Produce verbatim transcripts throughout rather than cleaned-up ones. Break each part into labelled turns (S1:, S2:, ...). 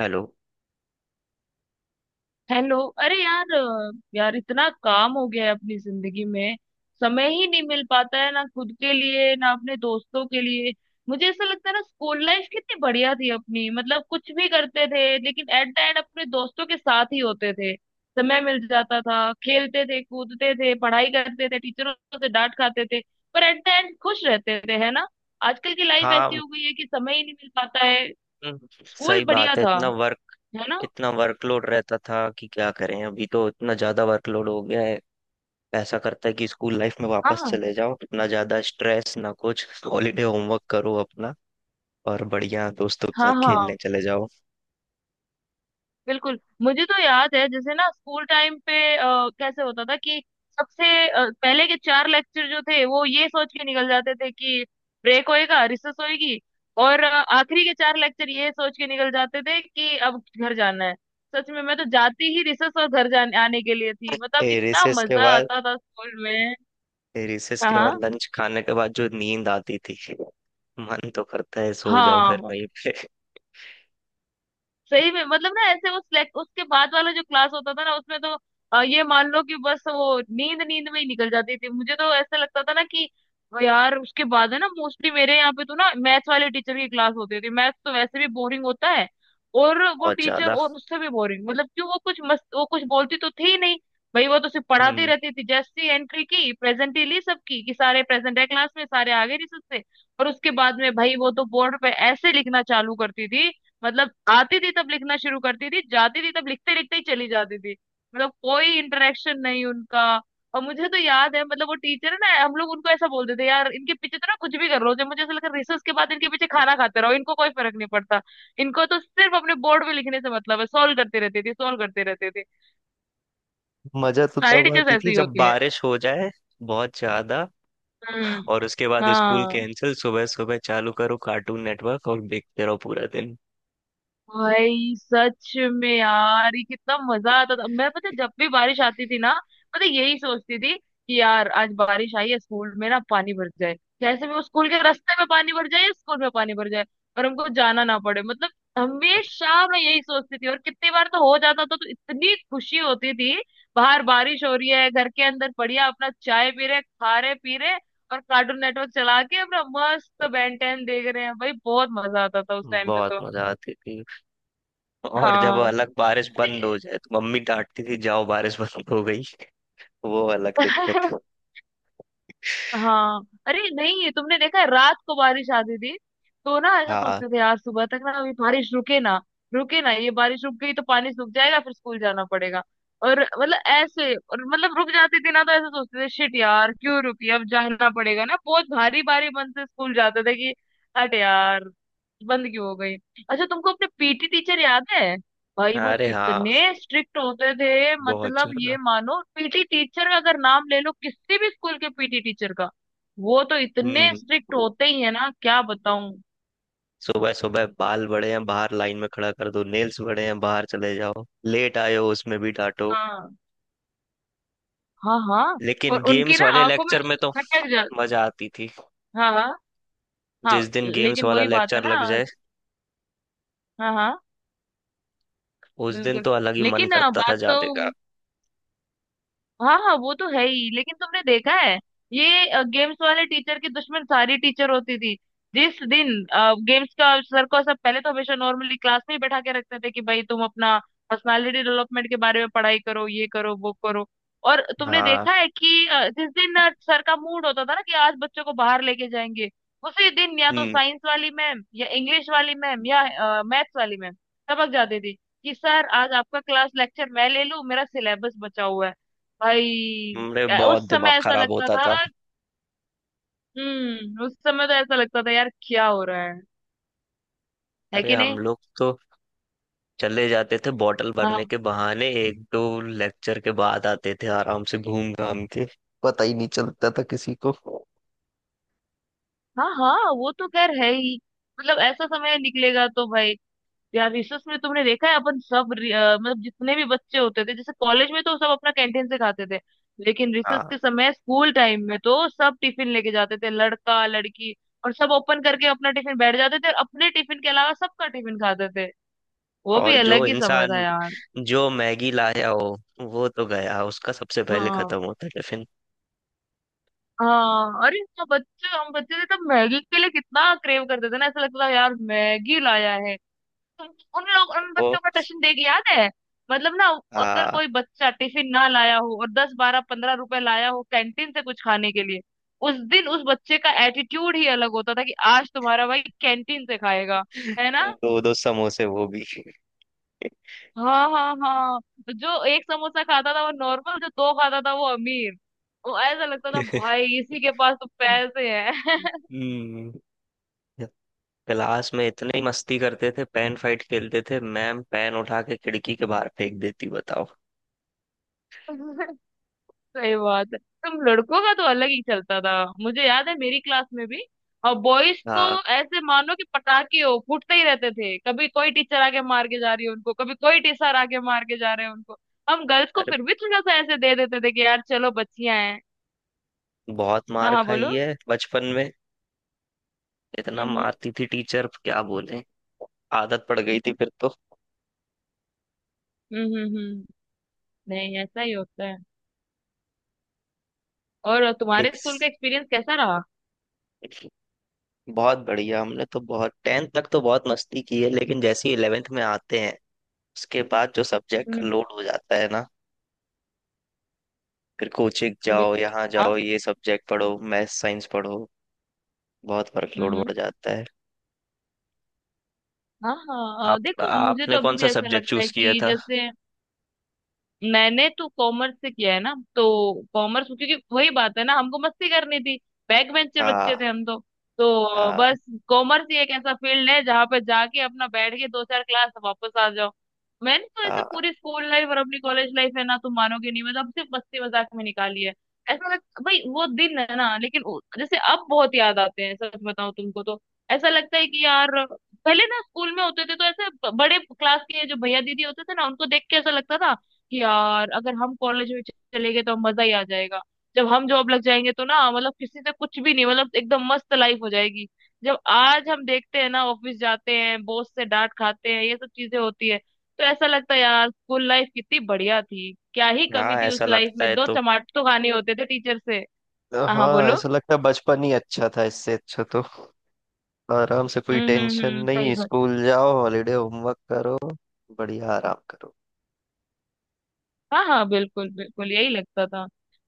S1: Hello.
S2: Hello. अरे यार अ, यार इतना काम हो गया है अपनी जिंदगी में। समय ही नहीं मिल पाता है, ना खुद के लिए ना अपने दोस्तों के लिए। मुझे ऐसा लगता है ना, स्कूल लाइफ कितनी बढ़िया थी अपनी। मतलब कुछ भी करते थे लेकिन एट द एंड अपने दोस्तों के साथ ही होते थे। समय मिल जाता था, खेलते थे, कूदते थे, पढ़ाई करते थे, टीचरों से डांट खाते थे। पर एट द एंड खुश रहते थे, है ना। आजकल की लाइफ ऐसी
S1: हाँ।
S2: हो गई है कि समय ही नहीं मिल पाता है।
S1: हम्म,
S2: स्कूल
S1: सही
S2: बढ़िया
S1: बात है।
S2: था,
S1: इतना वर्क,
S2: है ना।
S1: इतना वर्कलोड रहता था कि क्या करें। अभी तो इतना ज्यादा वर्कलोड हो गया है। ऐसा करता है कि स्कूल लाइफ में वापस
S2: हाँ,
S1: चले जाओ, इतना ज्यादा स्ट्रेस ना कुछ। हॉलीडे होमवर्क करो अपना और बढ़िया दोस्तों के
S2: हाँ,
S1: साथ
S2: हाँ,
S1: खेलने चले जाओ।
S2: बिल्कुल। मुझे तो याद है जैसे ना स्कूल टाइम पे अ, कैसे होता था कि सबसे अ, पहले के चार लेक्चर जो थे वो ये सोच के निकल जाते थे कि ब्रेक होएगा, रिसेस होएगी। और अ, आखिरी के चार लेक्चर ये सोच के निकल जाते थे कि अब घर जाना है। सच में मैं तो जाती ही रिसेस और घर जाने आने के लिए थी। मतलब
S1: ए,
S2: इतना
S1: recess के
S2: मजा
S1: बाद,
S2: आता था स्कूल में।
S1: ए, रिसेस के बाद
S2: हाँ,
S1: लंच खाने के बाद जो नींद आती थी, मन तो करता है सो जाओ फिर
S2: हाँ।
S1: वहीं पे।
S2: सही में मतलब ना, ऐसे वो select- उसके बाद वाला जो क्लास होता था ना उसमें तो अ, ये मान लो कि बस वो नींद नींद में ही निकल जाती थी। मुझे तो ऐसा लगता था ना कि यार उसके बाद है ना मोस्टली मेरे यहाँ पे तो ना मैथ्स वाले टीचर की क्लास होती थी। मैथ्स तो वैसे भी बोरिंग होता है और वो
S1: बहुत
S2: टीचर
S1: ज्यादा।
S2: और उससे भी बोरिंग। मतलब क्यों, वो कुछ मस्त, वो कुछ बोलती तो थी ही नहीं। भाई वो तो सिर्फ पढ़ाती
S1: हम्म।
S2: रहती थी। जैसी एंट्री की, प्रेजेंट ही ली सबकी कि सारे प्रेजेंट है क्लास में, सारे आ गए रिसर्च से। और उसके बाद में भाई वो तो बोर्ड पे ऐसे लिखना चालू करती थी। मतलब आती थी तब लिखना शुरू करती थी, जाती थी तब लिखते लिखते ही चली जाती थी। मतलब कोई इंटरेक्शन नहीं उनका। और मुझे तो याद है, मतलब वो टीचर है ना, हम लोग उनको ऐसा बोलते थे यार इनके पीछे तो ना कुछ भी कर लो। जब मुझे ऐसा लगा रिसर्च के बाद इनके पीछे खाना खाते रहो, इनको कोई फर्क नहीं पड़ता। इनको तो सिर्फ अपने बोर्ड में लिखने से मतलब है, सॉल्व करते रहते थे, सॉल्व करते रहते थे।
S1: मजा तो
S2: सारी
S1: तब
S2: टीचर्स
S1: आती
S2: ऐसी
S1: थी
S2: ही
S1: जब
S2: होती है।
S1: बारिश हो जाए। बहुत ज्यादा।
S2: हम्म।
S1: और उसके बाद स्कूल
S2: हाँ।
S1: कैंसिल, सुबह सुबह चालू करो कार्टून नेटवर्क और देखते रहो पूरा दिन।
S2: भाई सच में यार ये कितना मजा आता था। मैं पता है, जब भी बारिश आती थी ना, पता है, यही सोचती थी कि यार आज बारिश आई है, स्कूल में ना पानी भर जाए। जैसे भी वो स्कूल के रास्ते में पानी भर जाए या स्कूल में पानी भर जाए और हमको जाना ना पड़े। मतलब हमेशा मैं यही सोचती थी। और कितनी बार तो हो जाता था तो इतनी खुशी होती थी। बाहर बारिश हो रही है, घर के अंदर बढ़िया अपना चाय पी रहे, खा रहे, पी रहे, और कार्टून नेटवर्क चला के अपना मस्त बेन टेन देख रहे हैं। भाई बहुत मजा आता था उस टाइम पे
S1: बहुत
S2: तो।
S1: मजा आती थी। और जब
S2: हाँ।
S1: अलग बारिश बंद हो जाए तो मम्मी डांटती थी, जाओ बारिश बंद हो गई। वो अलग दिक्कत।
S2: हाँ। अरे नहीं, तुमने देखा है रात को बारिश आती थी तो ना ऐसा
S1: हाँ,
S2: सोचते थे यार सुबह तक ना अभी बारिश रुके ना, रुके ना, ये बारिश रुक गई तो पानी सूख जाएगा फिर स्कूल जाना पड़ेगा। और मतलब ऐसे, और मतलब रुक जाती थी ना तो ऐसा सोचते थे शिट यार क्यों रुकी अब जाना पड़ेगा ना, बहुत भारी भारी मन से स्कूल जाते थे कि हट यार बंद क्यों हो गई। अच्छा, तुमको अपने पीटी टीचर याद है। भाई वो
S1: अरे हाँ,
S2: कितने स्ट्रिक्ट होते थे।
S1: बहुत
S2: मतलब
S1: ज्यादा।
S2: ये मानो पीटी टीचर का अगर नाम ले लो, किसी भी स्कूल के पीटी टीचर का वो तो इतने
S1: हम्म।
S2: स्ट्रिक्ट होते ही है ना। क्या बताऊं।
S1: सुबह सुबह बाल बड़े हैं बाहर लाइन में खड़ा कर दो, नेल्स बड़े हैं बाहर चले जाओ, लेट आए हो उसमें भी डांटो।
S2: हाँ, हाँ, हाँ। और
S1: लेकिन
S2: उनकी
S1: गेम्स
S2: ना
S1: वाले
S2: आंखों में
S1: लेक्चर में तो
S2: खटक जा।
S1: मजा आती थी।
S2: हाँ, हाँ, हाँ।
S1: जिस दिन गेम्स
S2: लेकिन
S1: वाला
S2: वही बात है
S1: लेक्चर
S2: ना।
S1: लग जाए,
S2: हाँ, हाँ,
S1: उस दिन
S2: बिल्कुल।
S1: तो अलग ही मन
S2: लेकिन अ,
S1: करता था
S2: बात तो,
S1: जाने का।
S2: हाँ, हाँ, वो तो है ही। लेकिन तुमने देखा है, ये गेम्स वाले टीचर की दुश्मन सारी टीचर होती थी। जिस दिन गेम्स का सर को, सब पहले तो हमेशा नॉर्मली क्लास में ही बैठा के रखते थे कि भाई तुम अपना पर्सनालिटी डेवलपमेंट के बारे में पढ़ाई करो, ये करो, वो करो। और तुमने
S1: हाँ।
S2: देखा है कि अ, जिस दिन अ, सर का मूड होता था ना कि आज बच्चों को बाहर लेके जाएंगे, उसी दिन या तो
S1: हम्म।
S2: साइंस वाली मैम या इंग्लिश वाली मैम या मैथ्स वाली मैम सबक जाती थी कि सर आज आपका क्लास लेक्चर मैं ले लूं, मेरा सिलेबस बचा हुआ है। भाई
S1: हमरे
S2: अ,
S1: बहुत
S2: उस समय
S1: दिमाग
S2: ऐसा
S1: खराब
S2: लगता
S1: होता
S2: था।
S1: था।
S2: हम्म, उस समय तो ऐसा लगता था यार क्या हो रहा है है
S1: अरे
S2: कि
S1: हम
S2: नहीं।
S1: लोग तो चले जाते थे बॉटल भरने
S2: हाँ,
S1: के बहाने, एक दो लेक्चर के बाद आते थे आराम से घूम घाम के। पता ही नहीं चलता था किसी को।
S2: हाँ, हाँ, वो तो खैर है ही। मतलब ऐसा समय निकलेगा तो भाई। यार रिसर्च में तुमने देखा है अपन सब रि- अ, मतलब जितने भी बच्चे होते थे, जैसे कॉलेज में तो सब अपना कैंटीन से खाते थे, लेकिन रिसर्च
S1: हाँ।
S2: के समय स्कूल टाइम में तो सब टिफिन लेके जाते थे, लड़का लड़की। और सब ओपन करके अपना टिफिन बैठ जाते थे और अपने टिफिन के अलावा सबका टिफिन खाते थे। वो भी
S1: और जो
S2: अलग ही समय
S1: इंसान,
S2: था यार।
S1: जो मैगी लाया हो, वो तो गया, उसका सबसे पहले
S2: हाँ,
S1: खत्म होता टिफिन।
S2: हाँ। अरे हाँ, बच्चे हम बच्चे थे तब मैगी के लिए कितना क्रेव करते थे ना, ऐसा लगता था यार मैगी लाया है तुम। उन लोग उन
S1: वो
S2: बच्चों का ट्यूशन देख, याद है, मतलब ना अगर
S1: हाँ।
S2: कोई बच्चा टिफिन ना लाया हो और दस बारह पंद्रह रुपए लाया हो कैंटीन से कुछ खाने के लिए, उस दिन उस बच्चे का एटीट्यूड ही अलग होता था कि आज तुम्हारा भाई कैंटीन से खाएगा, है ना।
S1: दो दो समोसे वो भी।
S2: हाँ, हाँ, हाँ। जो एक समोसा खाता था वो नॉर्मल, जो दो खाता था वो अमीर। वो ऐसा लगता था भाई इसी के पास तो पैसे हैं।
S1: हम्म। क्लास में इतनी मस्ती करते थे, पेन फाइट खेलते थे, मैम पेन उठा के खिड़की के बाहर फेंक देती, बताओ।
S2: सही बात है, तुम लड़कों का तो अलग ही चलता था। मुझे याद है मेरी क्लास में भी, और बॉयज तो
S1: हाँ,
S2: ऐसे मानो कि पटाखे हो, फूटते ही रहते थे। कभी कोई टीचर आके मार के जा रही है उनको, कभी कोई टीचर आके मार के जा रहे हैं उनको। हम गर्ल्स को
S1: अरे,
S2: फिर भी थोड़ा सा ऐसे दे देते थे कि यार चलो बच्चियां हैं।
S1: बहुत
S2: हाँ,
S1: मार
S2: हाँ,
S1: खाई
S2: बोलो।
S1: है बचपन में। इतना
S2: हम्म, हम्म,
S1: मारती थी टीचर क्या बोले। आदत पड़ गई थी फिर तो।
S2: हम्म, हम्म, हम्म। नहीं ऐसा ही होता है। और तुम्हारे
S1: एक
S2: स्कूल का एक्सपीरियंस कैसा रहा।
S1: बहुत बढ़िया, हमने तो बहुत टेंथ तक तो बहुत मस्ती की है, लेकिन जैसे ही इलेवेंथ में आते हैं, उसके बाद जो सब्जेक्ट का
S2: हम्म।
S1: लोड हो जाता है ना, फिर कोचिंग
S2: बोलिए,
S1: जाओ,
S2: बोलिए।
S1: यहाँ
S2: हाँ।
S1: जाओ, ये सब्जेक्ट पढ़ो, मैथ साइंस पढ़ो, बहुत वर्कलोड
S2: हम्म, हम्म।
S1: बढ़ जाता है।
S2: हाँ, हाँ, अ,
S1: आप,
S2: देखो मुझे तो
S1: आपने
S2: अभी
S1: कौन
S2: भी
S1: सा
S2: ऐसा
S1: सब्जेक्ट
S2: लगता है
S1: चूज किया
S2: कि
S1: था?
S2: जैसे, मैंने तो कॉमर्स से किया है ना तो। कॉमर्स, क्योंकि वही बात है ना हमको मस्ती करनी थी, बैक बेंचर
S1: हाँ।
S2: बच्चे थे हम तो। तो
S1: हाँ।
S2: बस कॉमर्स ही एक ऐसा फील्ड है जहाँ पे जाके अपना बैठ के दो चार क्लास वापस आ जाओ। मैंने तो ऐसे
S1: हाँ।
S2: पूरी स्कूल लाइफ और अपनी कॉलेज लाइफ है ना, तुम मानोगे नहीं, मैं तो अब सिर्फ मस्ती मजाक में निकाली है। ऐसा लग, भाई वो दिन है ना, लेकिन वो- जैसे अब बहुत याद आते हैं सच बताऊं तुमको तो। ऐसा लगता है कि यार पहले ना स्कूल में होते थे तो ऐसे ब- बड़े क्लास के जो भैया दीदी होते थे ना, उनको देख के ऐसा लगता था कि यार अगर हम कॉलेज में चले गए तो मजा ही आ जाएगा, जब हम जॉब लग जाएंगे तो ना, मतलब किसी से कुछ भी नहीं, मतलब एकदम मस्त लाइफ हो जाएगी। जब आज हम देखते हैं ना, ऑफिस जाते हैं, बॉस से डांट खाते हैं, ये सब चीजें होती है, तो ऐसा लगता है यार स्कूल लाइफ कितनी बढ़िया थी, क्या ही
S1: हाँ,
S2: कमी थी उस
S1: ऐसा
S2: लाइफ
S1: लगता
S2: में,
S1: है
S2: दो
S1: तो।
S2: चमाट तो खाने होते थे टीचर से। हाँ, हाँ,
S1: हाँ,
S2: बोलो।
S1: ऐसा लगता है बचपन ही अच्छा था। इससे अच्छा तो आराम से, कोई
S2: हम्म, हम्म,
S1: टेंशन
S2: हम्म, सही।
S1: नहीं, स्कूल जाओ, हॉलीडे होमवर्क करो, बढ़िया आराम करो।
S2: हाँ, हाँ, बिल्कुल, बिल्कुल, यही लगता था।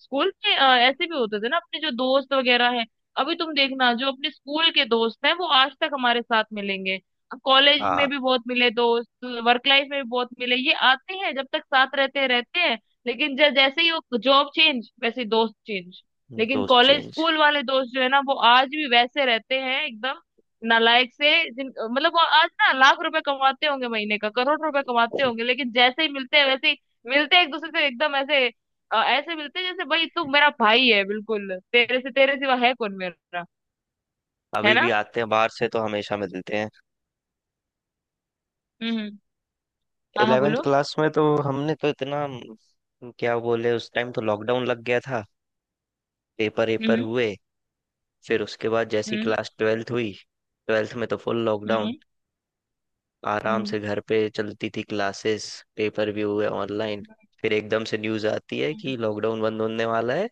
S2: स्कूल में अ, ऐसे भी होते थे ना अपने जो दोस्त वगैरह हैं, अभी तुम देखना जो अपने स्कूल के दोस्त हैं वो आज तक हमारे साथ मिलेंगे। अब कॉलेज
S1: हाँ।
S2: में भी बहुत मिले दोस्त, वर्क लाइफ में भी बहुत मिले, ये आते हैं, जब तक साथ रहते हैं रहते हैं, लेकिन जब जैसे ही वो जॉब चेंज वैसे ही दोस्त चेंज। लेकिन
S1: दोस्त
S2: कॉलेज
S1: चेंज।
S2: स्कूल वाले दोस्त जो है ना वो आज भी वैसे रहते हैं एकदम नालायक से। जिन मतलब वो आज ना लाख रुपए कमाते होंगे महीने का, करोड़ रुपए कमाते होंगे, लेकिन जैसे ही मिलते हैं वैसे ही मिलते हैं एक दूसरे से। एकदम ऐसे अ, ऐसे मिलते हैं जैसे भाई तू मेरा भाई है, बिल्कुल तेरे से, तेरे सिवा है कौन मेरा, है
S1: अभी भी
S2: ना।
S1: आते हैं बाहर से तो हमेशा मिलते हैं।
S2: हम्म, हम्म, हाँ, हाँ,
S1: इलेवेंथ
S2: बोलो।
S1: क्लास में तो हमने तो इतना म, क्या बोले, उस टाइम तो लॉकडाउन लग गया था। पेपर वेपर
S2: हम्म,
S1: हुए, फिर उसके बाद जैसी
S2: हम्म,
S1: क्लास ट्वेल्थ हुई, ट्वेल्थ में तो फुल
S2: हम्म,
S1: लॉकडाउन। आराम
S2: हम्म,
S1: से घर पे चलती थी क्लासेस, पेपर भी हुए ऑनलाइन। फिर एकदम से न्यूज़ आती है
S2: हम्म,
S1: कि लॉकडाउन बंद होने वाला है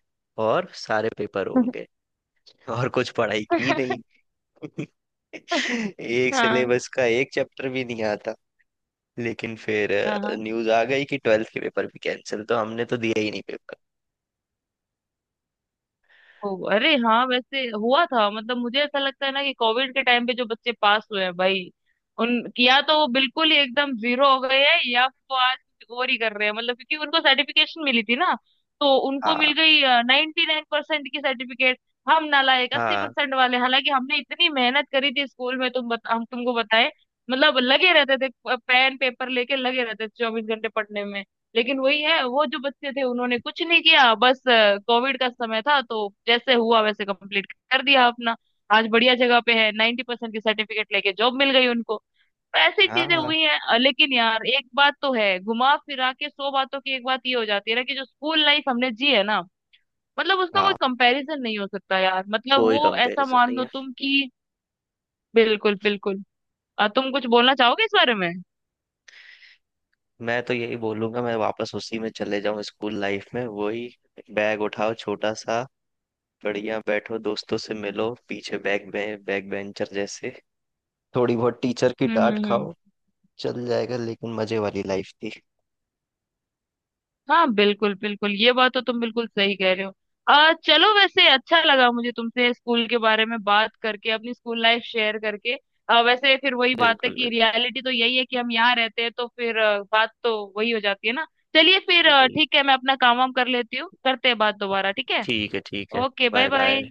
S1: और सारे पेपर
S2: हम्म।
S1: होंगे, और कुछ पढ़ाई की नहीं। एक
S2: हाँ,
S1: सिलेबस का एक चैप्टर भी नहीं आता, लेकिन फिर
S2: हाँ।
S1: न्यूज आ गई कि ट्वेल्थ के पेपर भी कैंसिल, तो हमने तो दिया ही नहीं पेपर।
S2: हो, अरे हाँ वैसे हुआ था। मतलब मुझे ऐसा लगता है ना कि कोविड के टाइम पे जो बच्चे पास हुए हैं भाई, उन या तो वो बिल्कुल ही एकदम जीरो हो गए हैं या फिर वो आज कुछ और ही कर रहे हैं। मतलब क्योंकि उनको सर्टिफिकेशन मिली थी ना, तो उनको मिल
S1: हाँ।
S2: गई नाइन्टी नाइन परसेंट की सर्टिफिकेट। हम नालायक अस्सी
S1: हाँ।
S2: परसेंट वाले हालांकि हमने इतनी मेहनत करी थी स्कूल में। तुम बता, हम तुमको बताए, मतलब लगे रहते थे पेन पेपर लेके, लगे रहते थे चौबीस घंटे पढ़ने में। लेकिन वही है वो, जो बच्चे थे उन्होंने कुछ नहीं किया, बस कोविड का समय था तो जैसे हुआ वैसे कंप्लीट कर दिया अपना, आज बढ़िया जगह पे है, नाइन्टी परसेंट की सर्टिफिकेट लेके जॉब मिल गई उनको। तो ऐसी चीजें
S1: हाँ।
S2: हुई हैं अ, लेकिन यार एक बात तो है, घुमा फिरा के सौ बातों की एक बात ये हो जाती है ना, कि जो स्कूल लाइफ हमने जी है ना, मतलब उसका कोई
S1: हाँ,
S2: कंपैरिजन नहीं हो सकता यार। मतलब
S1: कोई
S2: वो ऐसा
S1: कंपैरिजन
S2: मान
S1: नहीं
S2: लो
S1: है।
S2: तुम कि बिल्कुल, बिल्कुल। अ, तुम कुछ बोलना चाहोगे इस बारे में।
S1: मैं तो यही बोलूंगा मैं वापस उसी में चले जाऊं, स्कूल लाइफ में वही बैग उठाओ छोटा सा, बढ़िया बैठो, दोस्तों से मिलो पीछे बैक बे, बैक बेंचर जैसे, थोड़ी बहुत टीचर की
S2: हम्म,
S1: डांट
S2: हम्म, हम्म।
S1: खाओ, चल जाएगा। लेकिन मजे वाली लाइफ थी।
S2: हाँ, बिल्कुल, बिल्कुल, ये बात तो तुम बिल्कुल सही कह रहे हो। आ, चलो वैसे अच्छा लगा मुझे तुमसे स्कूल के बारे में बात करके, अपनी स्कूल लाइफ शेयर करके। आ, वैसे फिर वही बात है
S1: बिल्कुल,
S2: कि रियलिटी तो यही है कि हम यहाँ रहते हैं, तो फिर आ, बात तो वही हो जाती है ना। चलिए फिर,
S1: बिल्कुल
S2: आ,
S1: वही।
S2: ठीक है, मैं अपना काम वाम कर लेती हूँ, करते हैं बात दोबारा, ठीक है।
S1: ठीक है, ठीक है।
S2: Okay, bye
S1: bye
S2: bye.
S1: Bye.